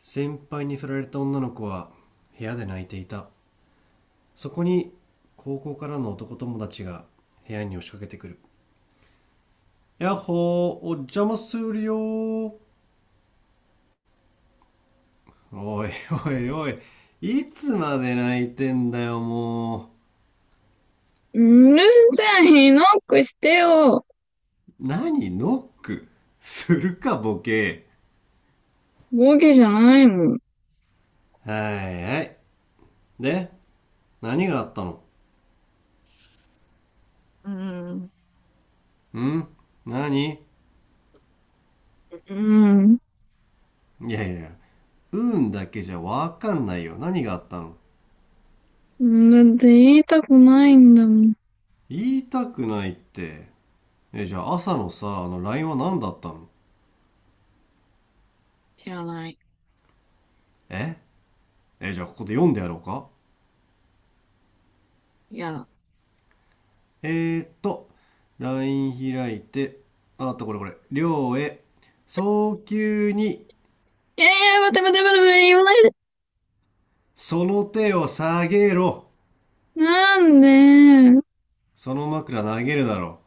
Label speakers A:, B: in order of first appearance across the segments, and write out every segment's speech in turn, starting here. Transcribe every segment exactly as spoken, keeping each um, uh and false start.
A: 先輩に振られた女の子は部屋で泣いていた。そこに高校からの男友達が部屋に押しかけてくる。やっほー、お邪魔するよー。おいおいおい、いつまで泣いてんだよ。も
B: うるせえ、ひノックしてよ。
A: う何ノックするかボケ。
B: ボケじゃないもん。
A: はいはい。で、何があったの？
B: うん。
A: ん？何？
B: うん。
A: いやいや、うん、運だけじゃわかんないよ。何があったの？
B: だって言いたくないんだもん。
A: 言いたくないって。え、じゃあ朝のさ、あの ライン は何だったの？
B: 知らない。
A: ええ、じゃあここで読んでやろうか？
B: いやだ。
A: えーっと、ライン 開いて、ああった、これこれ、涼へ、早急に、
B: いやいや、待て待て待て待て、言わないで。
A: その手を下げろ。
B: なんで、
A: その枕投げるだろ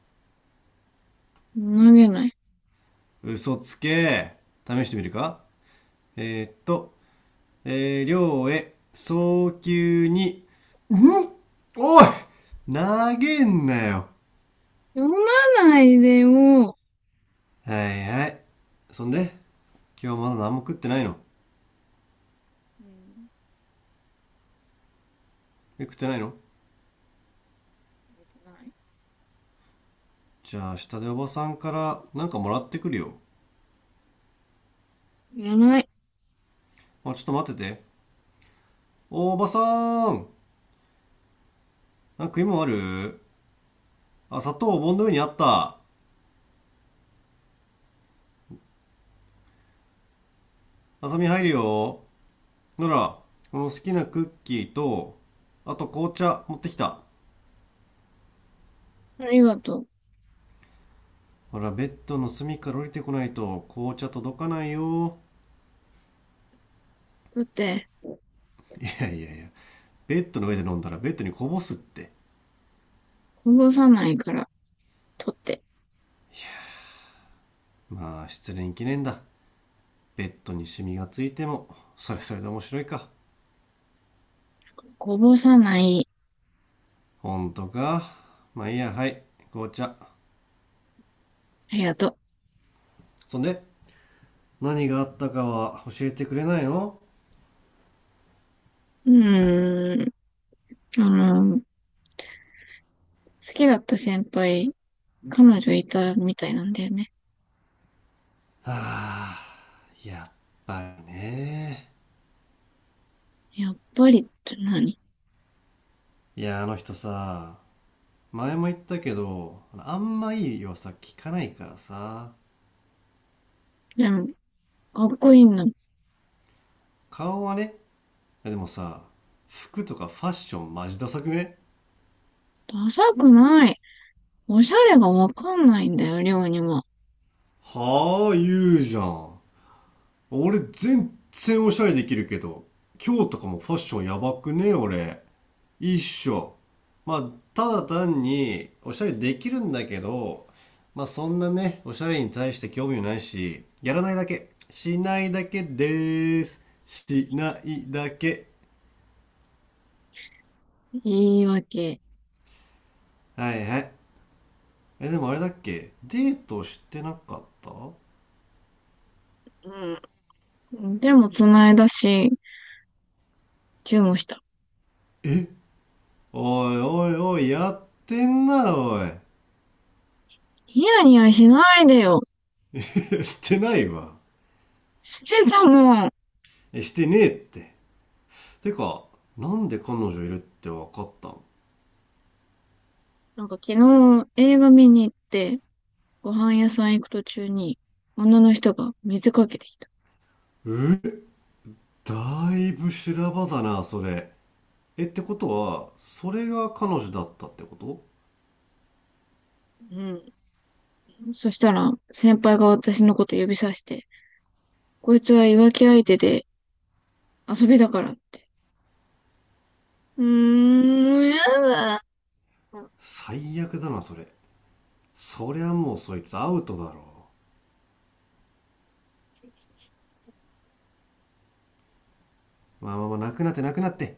B: 投げない。
A: う。嘘つけ。試してみるか？えーっと、えー、亮へ、早急に、んおい、投げんなよ。
B: 読まないでよ。う
A: はいはい。そんで、今日まだ何も食ってないの？
B: ん。
A: え、食ってないの？
B: ない。
A: じゃあ、下でおばさんからなんかもらってくるよ。
B: いらない。
A: あ、ちょっと待ってて。お、おばさーん、なんか食い物ある？あ、砂糖お盆の上にあった。あさみ入るよ。なら、この好きなクッキーと、あと紅茶持ってきた。
B: ありがとう。
A: ほら、ベッドの隅から降りてこないと紅茶届かないよ。
B: だって、
A: いやいやいや、ベッドの上で飲んだらベッドにこぼすって。
B: こぼさないから、取って。
A: まあ、失恋記念だ。ベッドにシミがついても、それそれで面白いか。
B: こぼさない。
A: ほんとか？まあいいや。はい、紅茶。
B: ありがと
A: そんで、何があったかは教えてくれないの？
B: う。うーん。あの、好きだった先輩彼女いたらみたいなんだよね。
A: はあ、やっぱりね。
B: やっぱりって何？
A: いや、あの人さ、前も言ったけどあんまいい噂聞かないからさ。
B: でも、かっこいいんだ。
A: 顔はね。いやでもさ、服とかファッションマジダサくね？
B: ダサくない。おしゃれがわかんないんだよ、りょうにも。
A: はあ、言うじゃん。俺全然おしゃれできるけど、今日とかもファッションやばくね、俺？一緒。まあ、ただ単に、おしゃれできるんだけど、まあ、そんなね、おしゃれに対して興味もないし、やらないだけ。しないだけでーす。しないだけ。
B: 言い訳。
A: はいはい。え、でもあれだっけ、デートしてなかった？おい、
B: うん。でも、つないだし、チューした。
A: おいおい、やってんな、おい。
B: ニヤニヤしないでよ。
A: してないわ。
B: してたもん。
A: え、してねえって。てか、なんで彼女いるってわかったの？
B: なんか昨日映画見に行って、ご飯屋さん行く途中に、女の人が水かけてきた。
A: え、だいぶ修羅場だな、それ。え、ってことは、それが彼女だったってこと？
B: うん。そしたら、先輩が私のこと指さして、こいつは浮気相手で遊びだからって。うーん、やだ。
A: 最悪だな、それ。そりゃもうそいつアウトだろう。まあまあまあ、なくなってなくなって。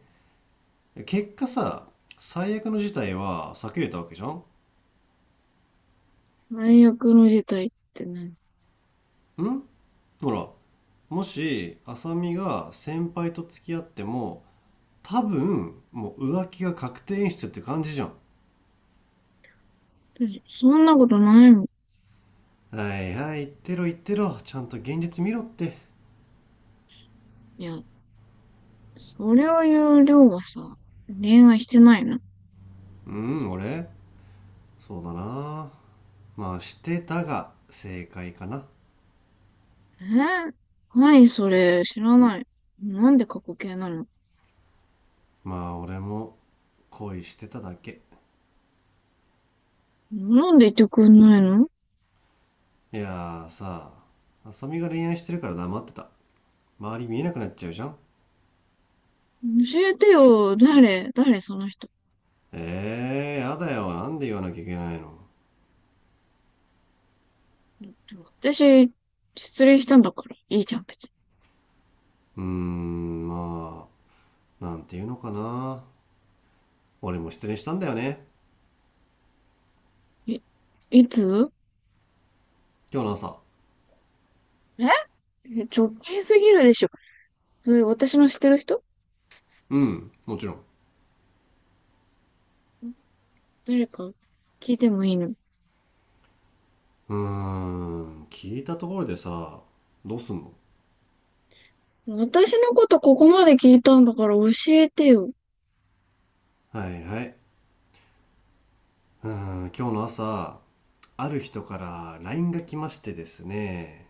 A: 結果さ、最悪の事態は避けれたわけじゃん。
B: 最悪の事態って何？
A: んほら、もし、浅見が先輩と付き合っても、多分、もう浮気が確定演出って感じじゃん。
B: 私そんなことないもん。
A: はいはい、言ってろ言ってろ。ちゃんと現実見ろって。
B: いや、それを言う量はさ、恋愛してないの？
A: うん、俺、そうだな、まあ、してたが正解かな。
B: えー、はい、それ、知らない。なんで過去形なの？
A: まあ俺も恋してただけ。
B: なんで言ってくんないの？
A: いやーさ、浅見が恋愛してるから黙ってた。周り見えなくなっちゃうじゃん。
B: 教えてよ、誰、誰その人。
A: えー、やだよ。なんで言わなきゃいけないの？
B: だって私、失恋したんだから、いいじゃん、別
A: うーん、まあ、なんていうのかな、俺も失恋したんだよね。
B: に。い、いつ
A: 今日の朝。
B: ええ、直近すぎるでしょ。それ、私の知ってる人？
A: うん、もちろん。
B: 誰か聞いてもいいの？
A: うーん、聞いたところでさ、どうすんの？
B: 私のことここまで聞いたんだから教えてよ。
A: はいはい。うーん、今日の朝、ある人から ライン が来ましてですね。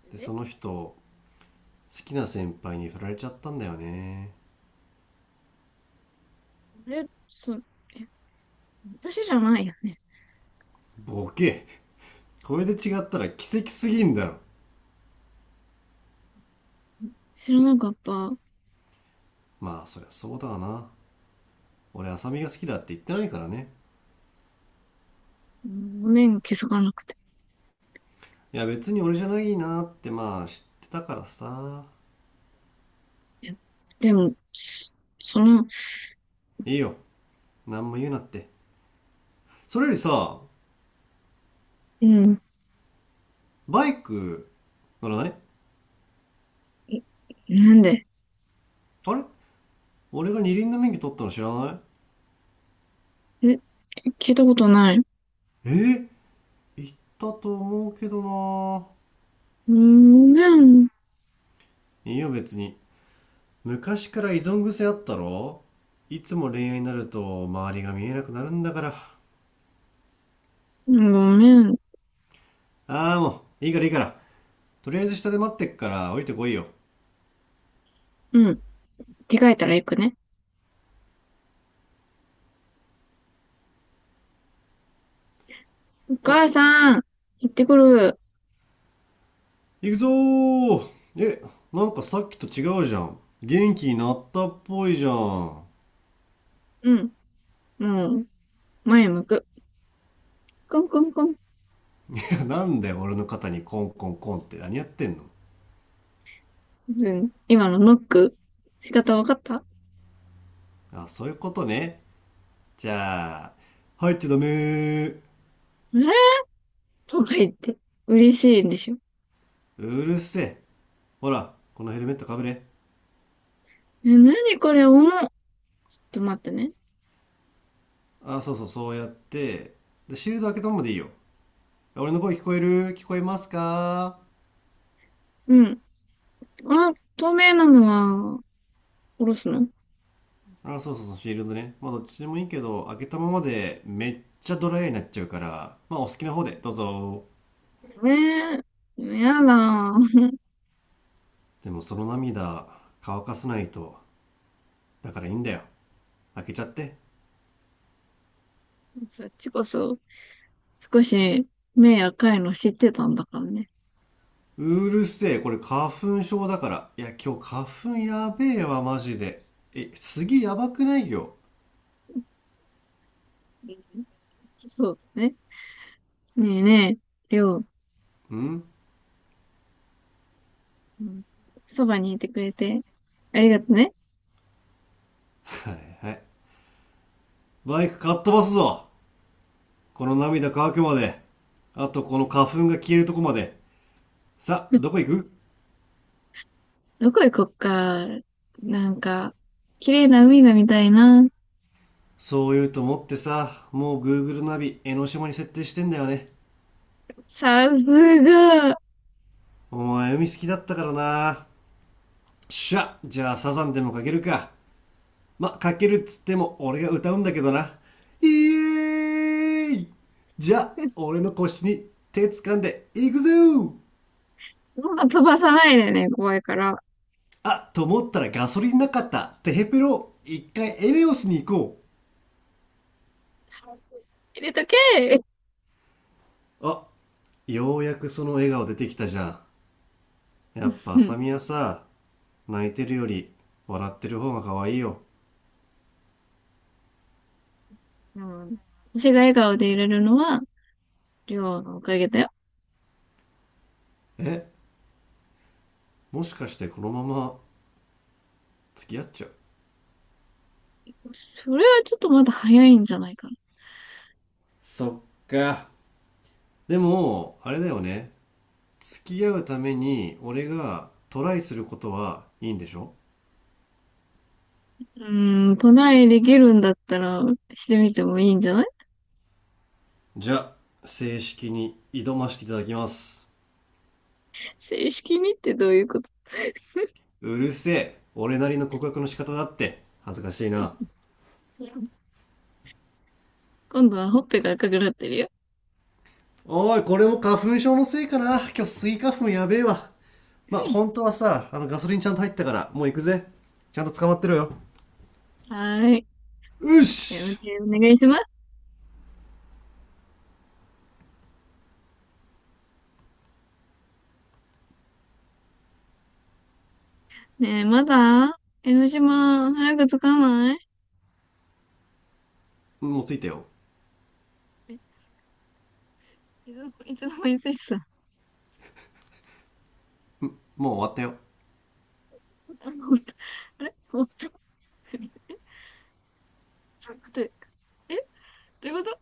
B: それ
A: で、そ
B: で？
A: の人、きな先輩に振られちゃったんだよね。
B: あれ、そ、え、私じゃないよね。
A: ボケ。これで違ったら奇跡すぎんだろ。
B: 知らなかった。
A: まあそりゃそうだわな。俺、浅見が好きだって言ってないからね。
B: ごめん、気づかなくて。
A: いや別に俺じゃないなってまあ知ってたからさ。
B: でも、そその、
A: いいよ、何も言うなって。それよりさ、
B: うん、
A: バイク乗らない？
B: え、なんで？
A: あれ、俺が二輪の免許取ったの知らない？
B: え、聞いたことない。
A: えー、言ったと思うけどな。
B: うん、ごめん、
A: いいよ別に。昔から依存癖あったろ。いつも恋愛になると周りが見えなくなるんだから。
B: ごめん。
A: ああ、もう、いいからいいから。とりあえず下で待ってっから降りてこいよ。
B: うん、着替えたら行くね。お
A: あ、
B: 母さん、行ってくる。
A: 行くぞー。え、なんかさっきと違うじゃん。元気になったっぽいじゃん。
B: うん、もう、前向く。コンコンコン。
A: いや、なんで俺の肩にコンコンコンって何やってんの？
B: ずん今のノック、仕方わかった？あ
A: あ、そういうことね。じゃあ、入っちゃダメー。
B: れとか言って、嬉しいんでしょ。
A: うるせえ。ほら、このヘルメットかぶれ。
B: え、なにこれ、重っ。ちょっと待ってね。
A: あ、そうそう、そうやって。で、シールド開けたままでいいよ。俺の声聞こえる？聞こえますか？
B: うん。あ、透明なのは、おろすの？
A: あ、そうそうそう、シールドね。まあ、どっちでもいいけど、開けたままでめっちゃドライになっちゃうから、まあ、お好きな方で、どうぞ。
B: えー、やだ。
A: でも、その涙、乾かさないと。だからいいんだよ。開けちゃって。
B: そっちこそ、少し、目赤いの知ってたんだからね。
A: うるせえ、これ花粉症だから。いや、今日花粉やべえわ、マジで。え、次やばくないよ。
B: うん、そうね。ねえねえ、りょう、
A: ん
B: うん、そばにいてくれて、ありがとね。
A: はいはい。バイクかっ飛ばすぞ。この涙乾くまで。あと、この花粉が消えるとこまで。さ、どこ 行く？
B: どこ行こっか。なんか、綺麗な海が見たいな。
A: そう言うと思ってさ、もう Google ナビ、江ノ島に設定してんだよね。
B: さすが。
A: お前海好きだったからな。しゃ、じゃあサザンでもかけるか。ま、かけるっつっても俺が歌うんだけどな。イエーイ。じゃあ、俺の腰に手掴んでいくぜー。
B: まあ、飛ばさないでね、怖いから。
A: あ、と思ったらガソリンなかった。テヘペロ、一回エネオスに行こ
B: 入れとけ
A: う。あ、ようやくその笑顔出てきたじゃん。やっぱ浅
B: ー。
A: 見はさ、泣いてるより笑ってる方が可愛いよ。
B: うん。でも私が笑顔で入れるのは、りょうのおかげだよ。
A: え、もしかしてこのまま付き合っちゃう？
B: それはちょっとまだ早いんじゃないかな。
A: そっか。でもあれだよね、付き合うために俺がトライすることはいいんでしょ？
B: うーん、トライできるんだったら、してみてもいいんじゃない？
A: じゃあ、正式に挑ましていただきます。
B: 正式にってどういうこと？
A: うるせえ。俺なりの告白の仕方だって恥ずかしいな。
B: 今度はほっぺが赤くなってるよ。
A: おい、これも花粉症のせいかな。今日スギ花粉やべえわ。まあ本当はさ、あのガソリンちゃんと入ったからもう行くぜ。ちゃんと捕まってろよ。
B: はーい。
A: よ
B: え、お
A: し。
B: 願いします。ねえ、まだ江ノ島、早く着かない？
A: もう着いたよ。
B: え、いつの、いつ間に着いてたあ？
A: もう終わったよ。
B: ほんと？ あれ、本当？ちょっと待って。え、どういうこと？